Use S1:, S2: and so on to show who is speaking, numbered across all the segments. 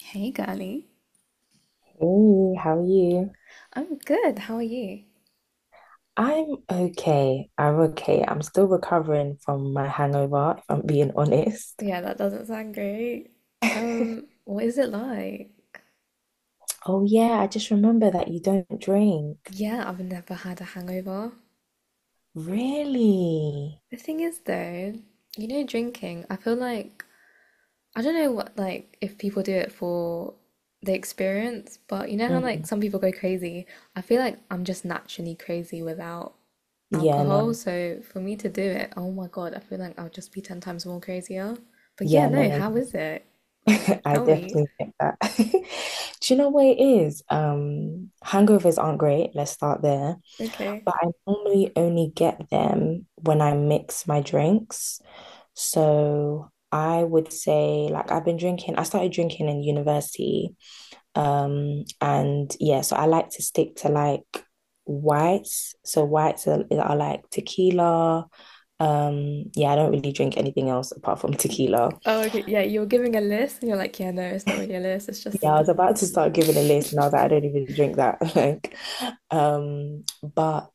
S1: Hey, girly.
S2: Hey, how are you?
S1: I'm good. How are you?
S2: I'm okay. I'm okay. I'm still recovering from my hangover, if I'm being honest.
S1: Yeah, that doesn't sound great. What is it like?
S2: Oh, yeah, I just remember that you don't drink.
S1: Yeah, I've never had a hangover.
S2: Really?
S1: The thing is, though, you know, drinking, I feel like I don't know what like if people do it for the experience, but you know how like
S2: Mm.
S1: some people go crazy. I feel like I'm just naturally crazy without
S2: Yeah,
S1: alcohol,
S2: no.
S1: so for me to do it, oh my God, I feel like I'll just be 10 times more crazier. But yeah,
S2: Yeah, no,
S1: no,
S2: no.
S1: how is it? Like,
S2: I
S1: tell me.
S2: definitely get that. Do you know what it is? Hangovers aren't great. Let's start there.
S1: Okay.
S2: But I normally only get them when I mix my drinks. So I would say like I've been drinking, I started drinking in university. And yeah, so I like to stick to like whites. So whites are, like tequila. Yeah, I don't really drink anything else apart from tequila.
S1: Oh, okay. Yeah, you were giving a list and you're like, yeah, no, it's not really a list. It's just,
S2: Yeah, I was about to start giving a list and I was like, I don't even drink that. Like, but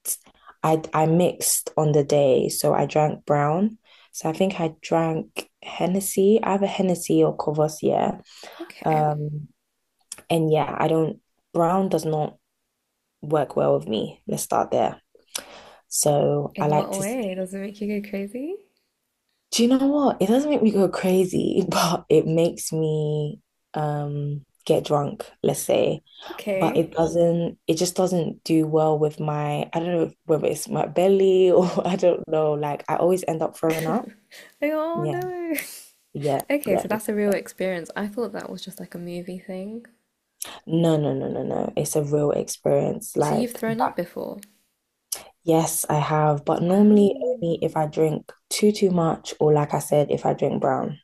S2: I mixed on the day, so I drank brown. So I think I drank Hennessy, either Hennessy or Courvoisier.
S1: okay.
S2: Um, and yeah, I don't, Brown does not work well with me. Let's start there. So
S1: In
S2: I
S1: what
S2: like to,
S1: way? Does it make you go crazy?
S2: do you know what? It doesn't make me go crazy, but it makes me get drunk, let's say. But
S1: Okay.
S2: it doesn't, it just doesn't do well with my, I don't know whether it's my belly or I don't know. Like I always end up throwing up.
S1: Like, oh
S2: Yeah,
S1: no.
S2: yeah,
S1: Okay, so
S2: yeah. Yeah.
S1: that's a real
S2: Yeah.
S1: experience. I thought that was just like a movie thing.
S2: No, no, no, no, no. It's a real experience.
S1: So you've
S2: Like
S1: thrown up
S2: back.
S1: before.
S2: Yes, I have, but normally
S1: Wow.
S2: only if I drink too much or like I said, if I drink brown.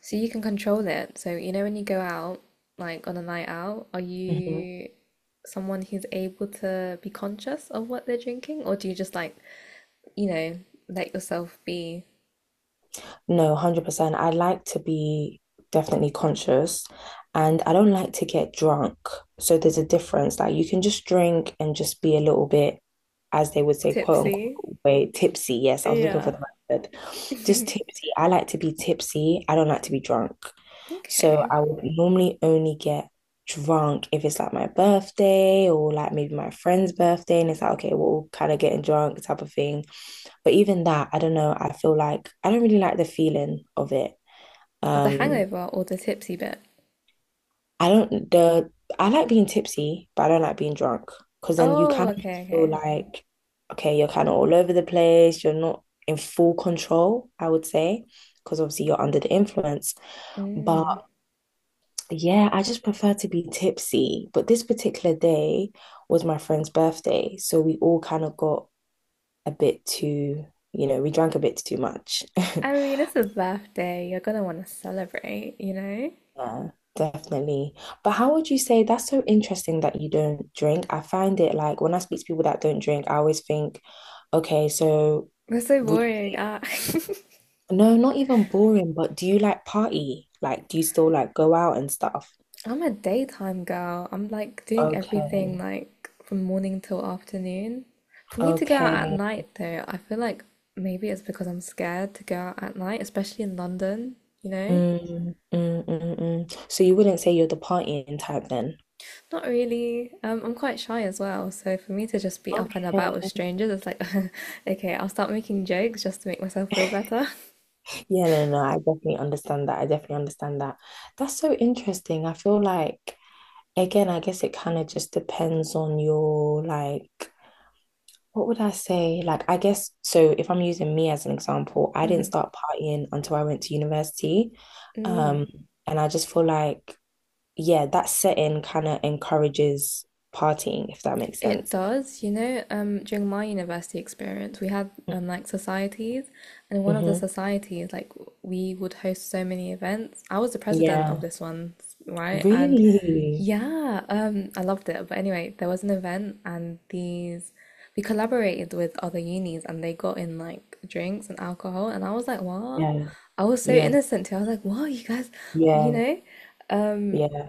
S1: So you can control it. So you know when you go out, like on a night out, are
S2: Hmm.
S1: you someone who's able to be conscious of what they're drinking, or do you just like, you know, let yourself be?
S2: No, 100%. I like to be definitely conscious and I don't like to get drunk. So there's a difference. Like you can just drink and just be a little bit, as they would say, quote
S1: Tipsy.
S2: unquote, way tipsy. Yes, I was looking for
S1: Yeah.
S2: the right word. Just tipsy. I like to be tipsy. I don't like to be drunk. So
S1: Okay.
S2: I would normally only get drunk if it's like my birthday or like maybe my friend's birthday and it's like, okay, we're all kind of getting drunk type of thing, but even that, I don't know, I feel like I don't really like the feeling of it.
S1: Or the
S2: um
S1: hangover or the tipsy bit.
S2: I don't the I like being tipsy, but I don't like being drunk, because then you
S1: Oh,
S2: kind of
S1: okay,
S2: feel
S1: okay.
S2: like, okay, you're kind of all over the place, you're not in full control, I would say, because obviously you're under the influence,
S1: Mm.
S2: but yeah, I just prefer to be tipsy. But this particular day was my friend's birthday. So we all kind of got a bit too, we drank a bit too much.
S1: I mean, it's a birthday. You're gonna want to celebrate, you know?
S2: Yeah, definitely. But how would you say, that's so interesting that you don't drink? I find it like when I speak to people that don't drink, I always think, okay, so
S1: That's so
S2: would you,
S1: boring.
S2: no, not even boring, but do you like party? Like, do you still like go out and stuff?
S1: I'm a daytime girl. I'm like doing everything
S2: Okay.
S1: like from morning till afternoon. For me to go out at
S2: Okay.
S1: night, though, I feel like maybe it's because I'm scared to go out at night, especially in London, you know?
S2: Mm, mm, mm, mm. So you wouldn't say you're the partying type then?
S1: Not really. I'm quite shy as well. So for me to just be up and about with
S2: Okay.
S1: strangers, it's like, okay, I'll start making jokes just to make myself feel better.
S2: Yeah, no, no, I definitely understand that. I definitely understand that. That's so interesting. I feel like, again, I guess it kind of just depends on your, like, what would I say? Like, I guess, so if I'm using me as an example, I didn't start partying until I went to university. Um,
S1: Mm.
S2: and I just feel like, yeah, that setting kind of encourages partying, if that makes
S1: It
S2: sense.
S1: does, you know, during my university experience, we had like societies, and in one of the
S2: Mm-hmm.
S1: societies, like we would host so many events. I was the president of
S2: Yeah.
S1: this one, right? And
S2: Really?
S1: yeah, I loved it. But anyway, there was an event, and these we collaborated with other unis, and they got in like drinks and alcohol, and I was like, what?
S2: Yeah,
S1: I was so
S2: yeah,
S1: innocent too. I was like, what, you guys, you
S2: yeah,
S1: know? Um,
S2: yeah.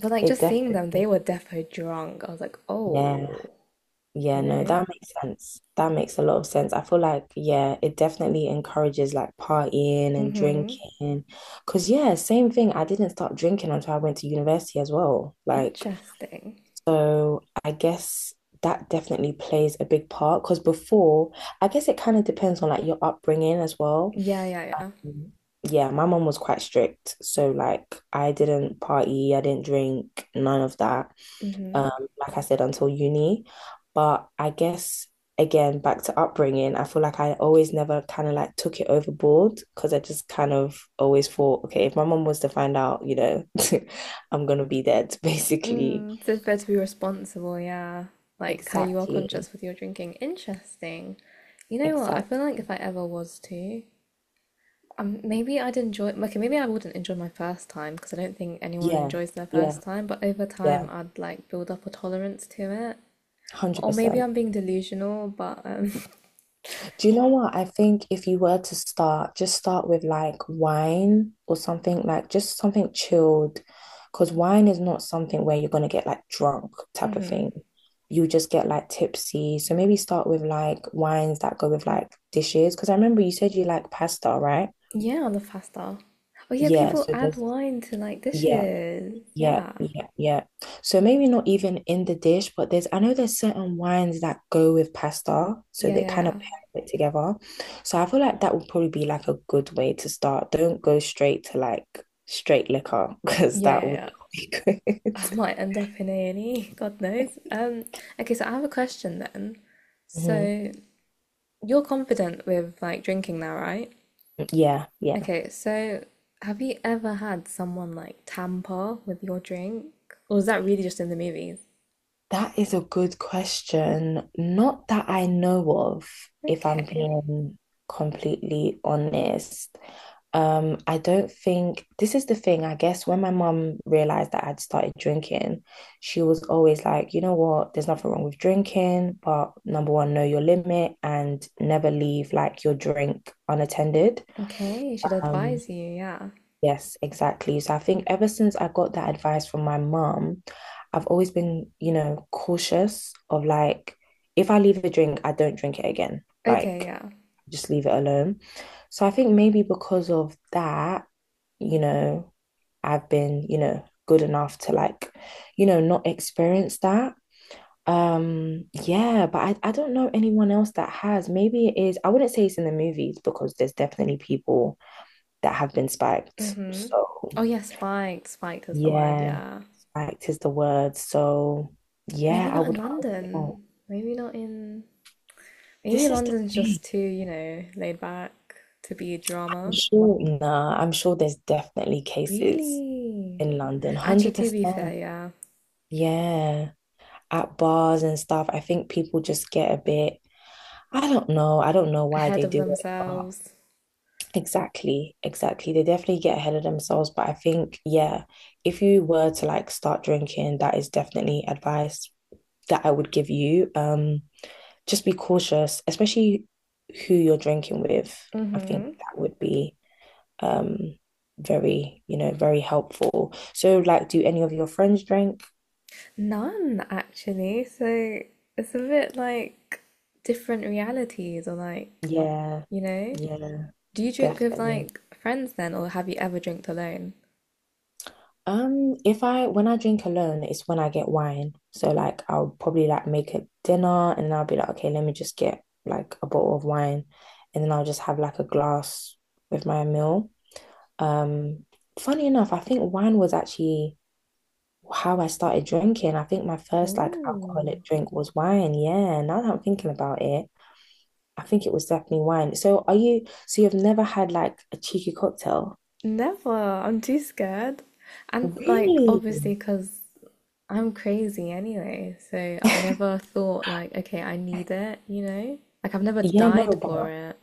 S1: but like
S2: It
S1: just seeing them,
S2: definitely,
S1: they were defo drunk. I was like,
S2: yeah,
S1: oh
S2: yeah,
S1: you
S2: no,
S1: know?
S2: that makes sense. That makes a lot of sense. I feel like, yeah, it definitely encourages like partying and
S1: Mm-hmm.
S2: drinking. Because, yeah, same thing. I didn't start drinking until I went to university as well. Like,
S1: Interesting.
S2: so I guess that definitely plays a big part. Because before, I guess it kind of depends on like your upbringing as well.
S1: Yeah, yeah, yeah.
S2: Mm. Yeah, my mom was quite strict. So like I didn't party, I didn't drink, none of that.
S1: Mm-hmm.
S2: Um, like I said, until uni. But I guess again, back to upbringing, I feel like I always never kind of like took it overboard because I just kind of always thought, okay, if my mom was to find out, you know, I'm gonna be dead, basically.
S1: Mm, so it's better to be responsible, yeah. Like how you are
S2: Exactly.
S1: conscious with your drinking. Interesting. You know what? I
S2: Exactly.
S1: feel like if I ever was to, maybe I'd enjoy. Okay, maybe I wouldn't enjoy my first time because I don't think anyone
S2: Yeah,
S1: enjoys their first
S2: yeah,
S1: time. But over time,
S2: yeah.
S1: I'd like build up a tolerance to it. Or maybe
S2: 100%.
S1: I'm being delusional, but
S2: Do you know what? I think if you were to start, just start with like wine or something, like just something chilled, because wine is not something where you're gonna get like drunk type of thing. You just get like tipsy. So maybe start with like wines that go with like dishes. Because I remember you said you like pasta, right?
S1: yeah, on the faster. Oh yeah,
S2: Yeah.
S1: people
S2: So
S1: add
S2: just
S1: wine to like
S2: yeah.
S1: dishes.
S2: Yeah,
S1: Yeah.
S2: yeah, yeah. So maybe not even in the dish, but there's, I know there's certain wines that go with pasta, so
S1: Yeah,
S2: they
S1: yeah,
S2: kind of
S1: yeah.
S2: pair it together. So I feel like that would probably be like a good way to start. Don't go straight to like straight liquor because
S1: Yeah,
S2: that
S1: yeah,
S2: would
S1: yeah.
S2: not be good.
S1: I might end up in A&E, God knows. Okay, so I have a question then.
S2: Hmm.
S1: So you're confident with like drinking now, right?
S2: Yeah, yeah.
S1: Okay, so have you ever had someone like tamper with your drink? Or is that really just in the movies?
S2: That is a good question. Not that I know of, if I'm
S1: Okay.
S2: being completely honest. I don't think, this is the thing. I guess when my mum realized that I'd started drinking, she was always like, you know what, there's nothing wrong with drinking, but number one, know your limit and never leave like your drink unattended.
S1: Okay, should
S2: Um,
S1: advise you, yeah.
S2: Yes, exactly. So I think ever since I got that advice from my mom, I've always been, you know, cautious of like, if I leave a drink, I don't drink it again.
S1: Okay,
S2: Like,
S1: yeah.
S2: just leave it alone. So I think maybe because of that, you know, I've been, you know, good enough to like, you know, not experience that. Yeah, but I don't know anyone else that has. Maybe it is, I wouldn't say it's in the movies because there's definitely people that have been spiked.
S1: Mm-hmm.
S2: So.
S1: Oh yeah, spiked. Spiked is the word,
S2: Yeah,
S1: yeah.
S2: fact is the word. So, yeah,
S1: Maybe
S2: I
S1: not in
S2: would hope not.
S1: London. Maybe not in Maybe
S2: This is the
S1: London's
S2: thing.
S1: just too, you know, laid back to be a
S2: I'm
S1: drama.
S2: sure, nah, I'm sure there's definitely cases
S1: Really?
S2: in London,
S1: Actually, to be fair,
S2: 100%.
S1: yeah.
S2: Yeah, at bars and stuff. I think people just get a bit, I don't know. I don't know why
S1: Ahead
S2: they
S1: of
S2: do it, but
S1: themselves.
S2: exactly, exactly. They definitely get ahead of themselves. But I think, yeah, if you were to like start drinking, that is definitely advice that I would give you. Just be cautious, especially who you're drinking with. I think
S1: Mm-hmm.
S2: that would be um very, you know, very helpful. So like, do any of your friends drink?
S1: None, actually. So it's a bit like different realities, or like,
S2: Yeah.
S1: you know?
S2: Yeah,
S1: Do you drink with
S2: definitely.
S1: like friends then, or have you ever drank alone?
S2: If I when I drink alone, it's when I get wine. So like I'll probably like make a dinner and I'll be like, okay, let me just get like a bottle of wine and then I'll just have like a glass with my meal. Um, Funny enough, I think wine was actually how I started drinking. I think my first like
S1: Oh,
S2: alcoholic drink was wine. Yeah, now that I'm thinking about it, I think it was definitely wine. So are you, so you've never had like a cheeky cocktail?
S1: never. I'm too scared. And like,
S2: Really?
S1: obviously, because I'm crazy anyway, so I've never thought like, okay, I need it, you know? Like I've never
S2: Yeah,
S1: died
S2: no,
S1: for
S2: but
S1: it.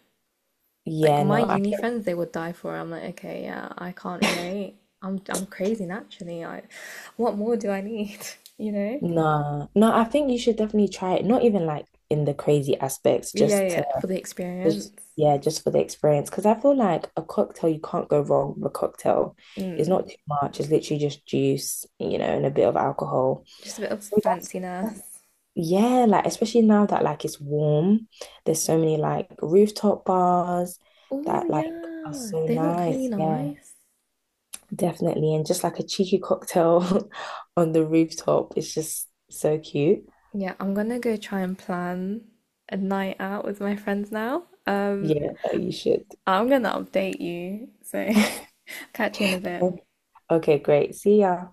S1: Like
S2: yeah,
S1: my
S2: no, I
S1: uni
S2: get
S1: friends, they would die for it. I'm like, okay, yeah, I can't relate. I'm crazy naturally. I, what more do I need? You know?
S2: no, no. I think you should definitely try it. Not even like in the crazy aspects,
S1: But yeah,
S2: just to
S1: yeah, for the
S2: just
S1: experience.
S2: yeah, just for the experience. Because I feel like a cocktail, you can't go wrong with a cocktail. It's not too much. It's literally just juice, you know, and a bit of alcohol.
S1: Just a bit of
S2: So that's,
S1: fanciness.
S2: yeah, like especially now that like it's warm, there's so many like rooftop bars
S1: Oh
S2: that like are
S1: yeah,
S2: so
S1: they look really
S2: nice. Yeah,
S1: nice.
S2: definitely. And just like a cheeky cocktail on the rooftop is just so cute.
S1: Yeah, I'm gonna go try and plan a night out with my friends now.
S2: Yeah, oh, you should.
S1: I'm gonna update you, so catch you in a bit.
S2: Okay, great. See ya.